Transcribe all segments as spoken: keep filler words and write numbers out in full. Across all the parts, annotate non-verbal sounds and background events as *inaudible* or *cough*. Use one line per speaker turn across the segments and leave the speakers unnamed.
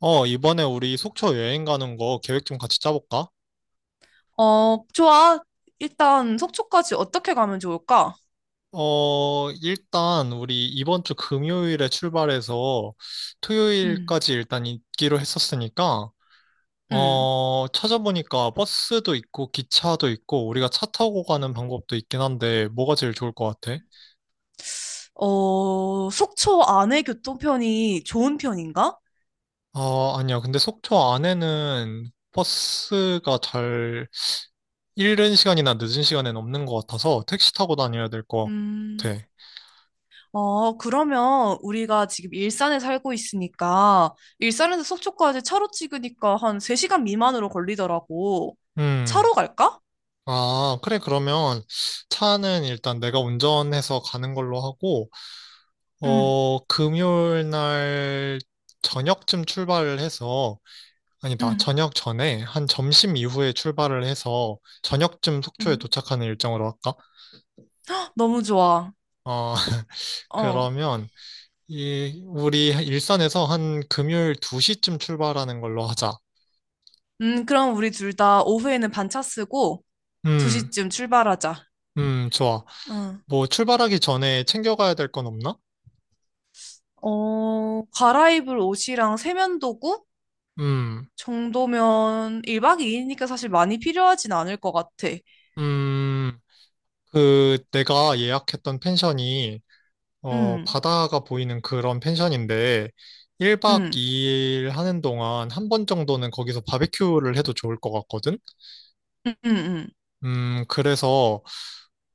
어, 이번에 우리 속초 여행 가는 거 계획 좀 같이 짜볼까?
어, 좋아. 일단 속초까지 어떻게 가면 좋을까?
어, 일단 우리 이번 주 금요일에 출발해서
음,
토요일까지 일단 있기로 했었으니까,
음.
어, 찾아보니까 버스도 있고 기차도 있고 우리가 차 타고 가는 방법도 있긴 한데 뭐가 제일 좋을 것 같아?
어, 속초 안에 교통편이 좋은 편인가?
어, 아니야. 근데 속초 안에는 버스가 잘 이른 시간이나 늦은 시간엔 없는 것 같아서 택시 타고 다녀야 될 것
음.
같아.
어, 그러면 우리가 지금 일산에 살고 있으니까 일산에서 속초까지 차로 찍으니까 한 세 시간 미만으로 걸리더라고.
음.
차로 갈까?
아, 그래, 그러면 차는 일단 내가 운전해서 가는 걸로 하고,
응.
어, 금요일 날 저녁쯤 출발을 해서, 아니다,
응.
저녁 전에, 한 점심 이후에 출발을 해서, 저녁쯤
응,
속초에 도착하는 일정으로 할까?
너무 좋아.
어, *laughs*
어.
그러면, 이, 우리 일산에서 한 금요일 두 시쯤 출발하는 걸로 하자.
음, 그럼 우리 둘 다 오후에는 반차 쓰고
음,
두 시쯤 출발하자.
음, 좋아.
응.
뭐, 출발하기 전에 챙겨가야 될 건 없나?
어, 갈아입을 옷이랑 세면도구
음,
정도면 일 박 이 일이니까 사실 많이 필요하진 않을 것 같아.
음. 그 내가 예약했던 펜션이 어
응,
바다가 보이는 그런 펜션인데 일 박
응,
이 일 하는 동안 한 번 정도는 거기서 바베큐를 해도 좋을 것 같거든.
응, 응, 응.
음 그래서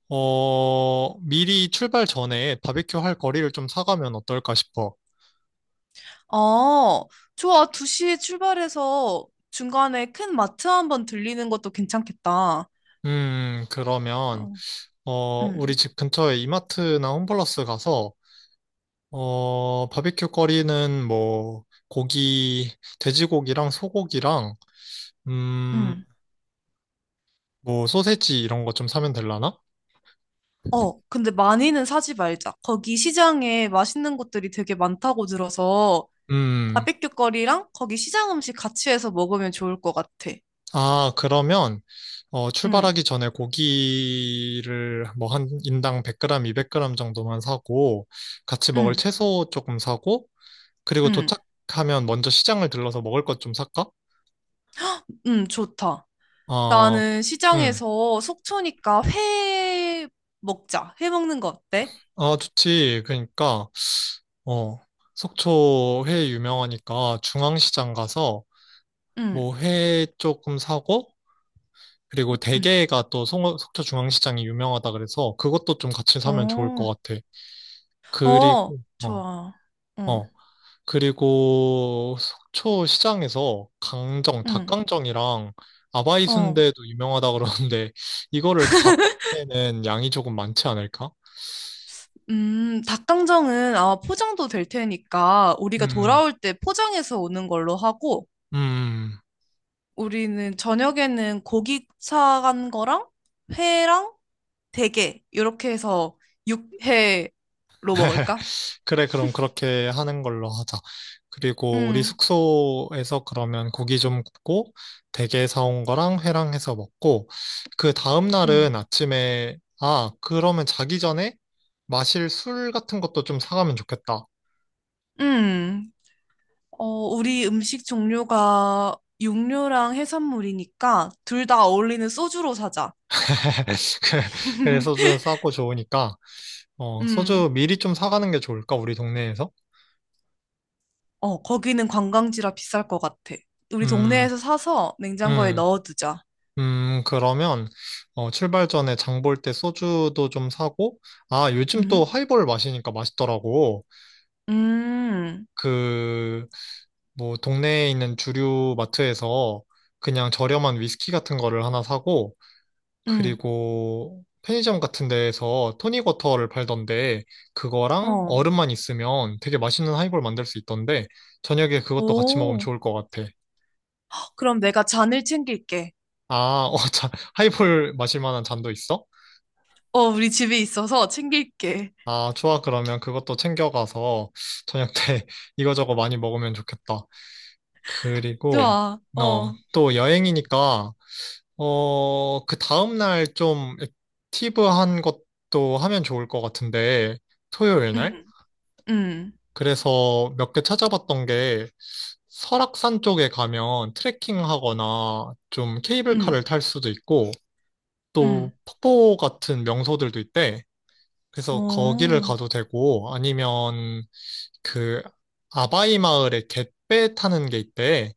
어 미리 출발 전에 바베큐 할 거리를 좀 사가면 어떨까 싶어.
아, 좋아. 두 시에 출발해서 중간에 큰 마트 한번 들리는 것도 괜찮겠다.
음 그러면
어,
어
응,
우리 집 근처에 이마트나 홈플러스 가서 어 바베큐 거리는 뭐 고기 돼지고기랑 소고기랑 음,
응.
뭐 소세지 이런 거 좀 사면 되려나?
어, 근데 많이는 사지 말자. 거기 시장에 맛있는 것들이 되게 많다고 들어서
음.
바베큐 거리랑 거기 시장 음식 같이 해서 먹으면 좋을 것 같아.
아, 그러면 어,
응,
출발하기 전에 고기를 뭐 한 인당 백 그램, 이백 그램 정도만 사고 같이 먹을
응,
채소 조금 사고 그리고
응.
도착하면 먼저 시장을 들러서 먹을 것 좀 살까?
응, 좋다.
아,
나는
음.
시장에서 속초니까 회 먹자. 회 먹는 거 어때?
아, 좋지. 그러니까 어, 속초 회 유명하니까 중앙시장 가서
응,
뭐 회 조금 사고 그리고
응.
대게가 또 송- 속초중앙시장이 유명하다 그래서 그것도 좀 같이 사면 좋을 것
어,
같아. 그리고,
어,
어,
좋아. 어,
어. 그리고 속초시장에서 강정,
응,
닭강정이랑 아바이
어.
순대도 유명하다 그러는데 *laughs* 이거를 다 먹기에는 양이 조금 많지 않을까?
음, 닭강정은 아마 포장도 될 테니까 우리가
음,
돌아올 때 포장해서 오는 걸로 하고
음.
우리는 저녁에는 고기 사간 거랑 회랑 대게 이렇게 해서 육회로
*laughs*
먹을까?
그래, 그럼 그렇게 하는 걸로 하자. 그리고 우리
응,
숙소에서 그러면 고기 좀 굽고, 대게 사온 거랑 회랑 해서 먹고, 그 다음
응.
날은 아침에, 아, 그러면 자기 전에 마실 술 같은 것도 좀 사가면 좋겠다.
응. 어, 우리 음식 종류가 육류랑 해산물이니까 둘 다 어울리는 소주로 사자.
*laughs* 그래, 소주는
*laughs*
싸고 좋으니까, 어, 소주
음,
미리 좀 사가는 게 좋을까, 우리 동네에서?
어, 거기는 관광지라 비쌀 것 같아. 우리
음,
동네에서 사서 냉장고에
음.
넣어두자.
음, 그러면, 어, 출발 전에 장볼 때 소주도 좀 사고, 아, 요즘 또
음,
하이볼 마시니까 맛있더라고.
음,
그, 뭐, 동네에 있는 주류 마트에서 그냥 저렴한 위스키 같은 거를 하나 사고,
음,
그리고 편의점 같은 데에서 토닉워터를 팔던데, 그거랑
어,
얼음만 있으면 되게 맛있는 하이볼 만들 수 있던데, 저녁에 그것도 같이 먹으면
오.
좋을 것 같아.
그럼 내가 잔을 챙길게.
아, 어, 자, 하이볼 마실 만한 잔도 있어?
어, 우리 집에 있어서 챙길게.
아, 좋아. 그러면 그것도 챙겨가서 저녁 때 *laughs* 이거저거 많이 먹으면 좋겠다. 그리고,
좋아,
어,
어,
또 여행이니까, 어, 그 다음날 좀 액티브한 것도 하면 좋을 것 같은데, 토요일 날?
음, 음,
그래서 몇 개 찾아봤던 게, 설악산 쪽에 가면 트레킹 하거나 좀 케이블카를
음,
탈 수도 있고, 또
음,
폭포 같은 명소들도 있대. 그래서 거기를
어,
가도 되고, 아니면 그 아바이 마을에 갯배 타는 게 있대.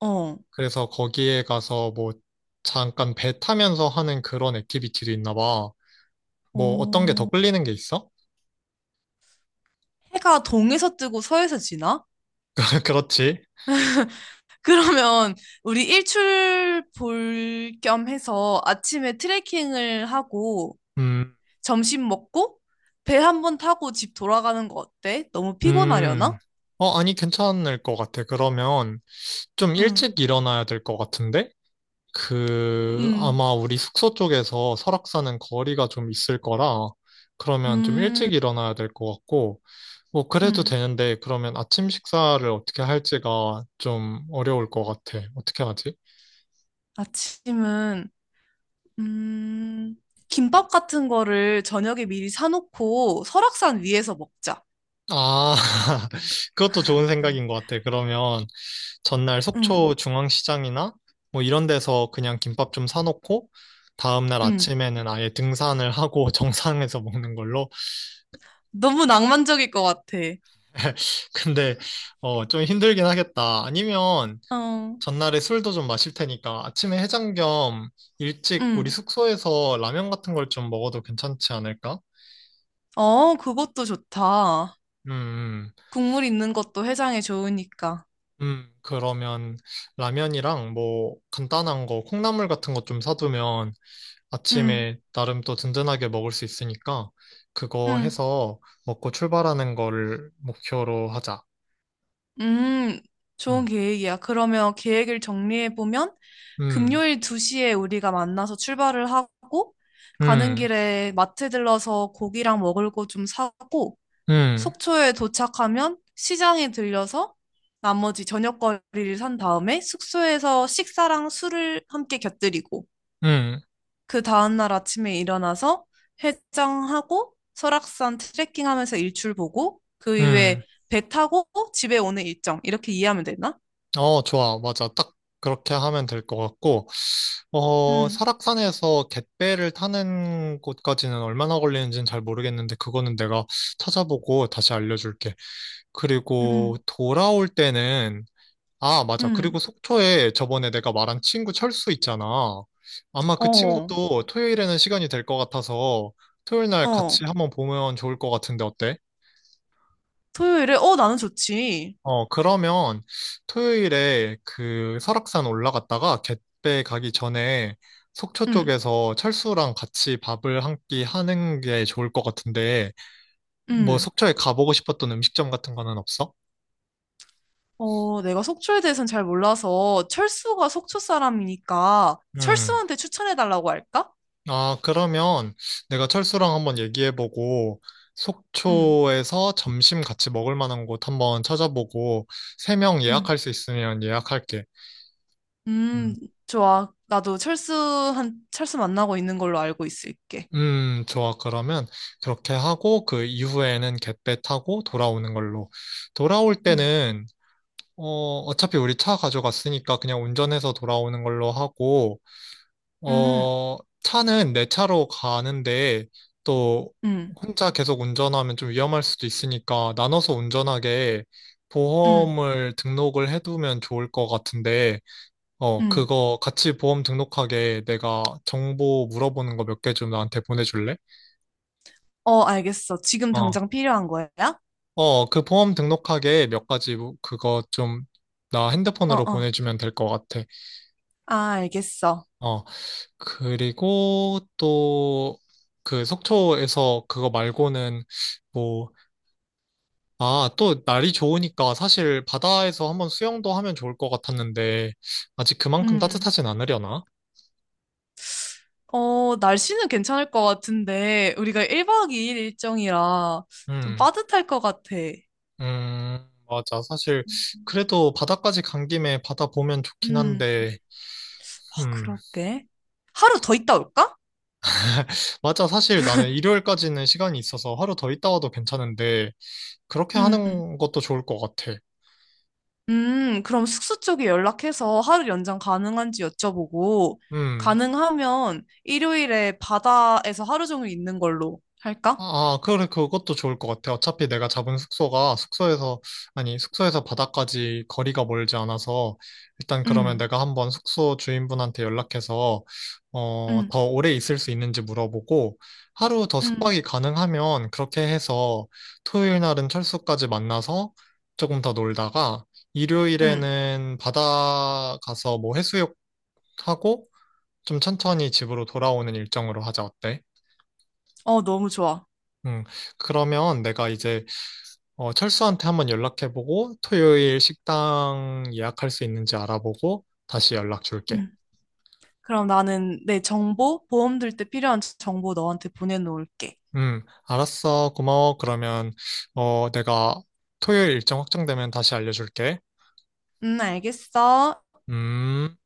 어,
그래서 거기에 가서 뭐 잠깐 배 타면서 하는 그런 액티비티도 있나 봐. 뭐 어떤 게 더
어.
끌리는 게 있어?
해가 동에서 뜨고 서에서 지나?
*laughs* 그렇지.
그러면 우리 일출 볼 겸 해서 아침에 트레킹을 하고
음,
점심 먹고 배 한 번 타고 집 돌아가는 거 어때? 너무
음.
피곤하려나?
어, 아니, 괜찮을 것 같아. 그러면 좀
응.
일찍 일어나야 될 것 같은데? 그,
응,
아마 우리 숙소 쪽에서 설악산은 거리가 좀 있을 거라, 그러면 좀
음,
일찍 일어나야 될 것 같고, 뭐
응,
그래도 되는데 그러면 아침 식사를 어떻게 할지가 좀 어려울 것 같아. 어떻게 하지?
아침은, 음, 김밥 같은 거를 저녁에 미리 사놓고 설악산 위에서 먹자.
아, *laughs* 그것도 좋은 생각인 것 같아. 그러면 전날
응.
속초 중앙시장이나 뭐 이런 데서 그냥 김밥 좀 사놓고 다음날
응,
아침에는 아예 등산을 하고 *laughs* 정상에서 먹는 걸로.
너무 낭만적일 것 같아.
*laughs* 근데 어, 좀 힘들긴 하겠다. 아니면
어,
전날에 술도 좀 마실 테니까 아침에 해장 겸 일찍 우리
응,
숙소에서 라면 같은 걸 좀 먹어도 괜찮지 않을까?
어, 그것도 좋다.
음,
국물 있는 것도 해장에 좋으니까.
음, 그러면 라면이랑 뭐 간단한 거, 콩나물 같은 거 좀 사두면
음,
아침에 나름 또 든든하게 먹을 수 있으니까 그거
음,
해서 먹고 출발하는 거를 목표로 하자.
음, 좋은
음,
계획이야. 그러면 계획을 정리해보면,
음,
금요일 두 시에 우리가 만나서 출발을 하고, 가는
음,
길에 마트 들러서 고기랑 먹을 거 좀 사고,
음,
속초에 도착하면 시장에 들려서 나머지 저녁거리를 산 다음에 숙소에서 식사랑 술을 함께 곁들이고,
음,
그 다음날 아침에 일어나서 해장하고 설악산 트레킹하면서 일출 보고 그
음.
이후에 배 타고 집에 오는 일정 이렇게 이해하면 되나?
어, 좋아. 맞아. 딱 그렇게 하면 될 것 같고, 어,
응,
설악산에서 갯배를 타는 곳까지는 얼마나 걸리는지는 잘 모르겠는데 그거는 내가 찾아보고 다시 알려줄게.
응,
그리고 돌아올 때는, 아, 맞아. 그리고
응.
속초에 저번에 내가 말한 친구 철수 있잖아. 아마 그
어,
친구도 토요일에는 시간이 될 것 같아서 토요일 날
어.
같이 한번 보면 좋을 것 같은데 어때?
토요일에 어, 나는 좋지.
어, 그러면 토요일에 그 설악산 올라갔다가 갯배 가기 전에 속초
응,
쪽에서 철수랑 같이 밥을 한 끼 하는 게 좋을 것 같은데 뭐
응.
속초에 가보고 싶었던 음식점 같은 거는 없어?
어, 내가 속초에 대해서는 잘 몰라서 철수가 속초 사람이니까
음.
철수한테 추천해 달라고 할까?
아, 그러면 내가 철수랑 한번 얘기해보고,
응,
속초에서 점심 같이 먹을 만한 곳 한번 찾아보고, 세 명
응.
예약할 수 있으면 예약할게. 음,
음, 좋아. 나도 철수한, 철수 만나고 있는 걸로 알고 있을게.
음, 좋아. 그러면 그렇게 하고, 그 이후에는 갯배 타고 돌아오는 걸로. 돌아올
음.
때는, 어, 어차피 우리 차 가져갔으니까 그냥 운전해서 돌아오는 걸로 하고,
음.
어, 차는 내 차로 가는데 또
응,
혼자 계속 운전하면 좀 위험할 수도 있으니까 나눠서 운전하게
응,
보험을 등록을 해두면 좋을 것 같은데, 어,
응.
그거 같이 보험 등록하게 내가 정보 물어보는 거 몇 개 좀 나한테 보내줄래?
어, 알겠어. 지금
어,
당장 필요한 거야?
어, 그 보험 등록하게 몇 가지 그거 좀 나
어,
핸드폰으로
어.
보내주면 될 것 같아.
아, 알겠어.
어. 그리고 또 그 속초에서 그거 말고는 뭐, 아, 또 날이 좋으니까 사실 바다에서 한번 수영도 하면 좋을 것 같았는데 아직 그만큼
음.
따뜻하진 않으려나?
어, 날씨는 괜찮을 것 같은데, 우리가 일 박 이 일 일정이라 좀
음,
빠듯할 것 같아.
음, 맞아. 사실 그래도 바다까지 간 김에 바다 보면 좋긴
음.
한데,
아,
음,
그럴게. 하루 더 있다 올까?
맞아. 사실 나는 일요일까지는 시간이 있어서 하루 더 있다 와도 괜찮은데 그렇게
음.
하는 것도 좋을 것 같아.
음, 그럼 숙소 쪽에 연락해서 하루 연장 가능한지 여쭤보고,
음.
가능하면 일요일에 바다에서 하루 종일 있는 걸로 할까?
아, 그래, 그것도 좋을 것 같아. 어차피 내가 잡은 숙소가 숙소에서, 아니, 숙소에서 바다까지 거리가 멀지 않아서, 일단 그러면
음,
내가 한번 숙소 주인분한테 연락해서, 어,
음,
더 오래 있을 수 있는지 물어보고, 하루 더
음,
숙박이 가능하면 그렇게 해서 토요일 날은 철수까지 만나서 조금 더 놀다가,
음.
일요일에는 바다 가서 뭐 해수욕 하고, 좀 천천히 집으로 돌아오는 일정으로 하자, 어때?
어, 너무 좋아.
음, 그러면 내가 이제 어, 철수한테 한번 연락해보고 토요일 식당 예약할 수 있는지 알아보고 다시 연락 줄게.
음. 그럼 나는 내 정보, 보험 들 때 필요한 정보 너한테 보내놓을게.
음, 알았어. 고마워. 그러면 어, 내가 토요일 일정 확정되면 다시 알려줄게.
음, 알겠어.
음.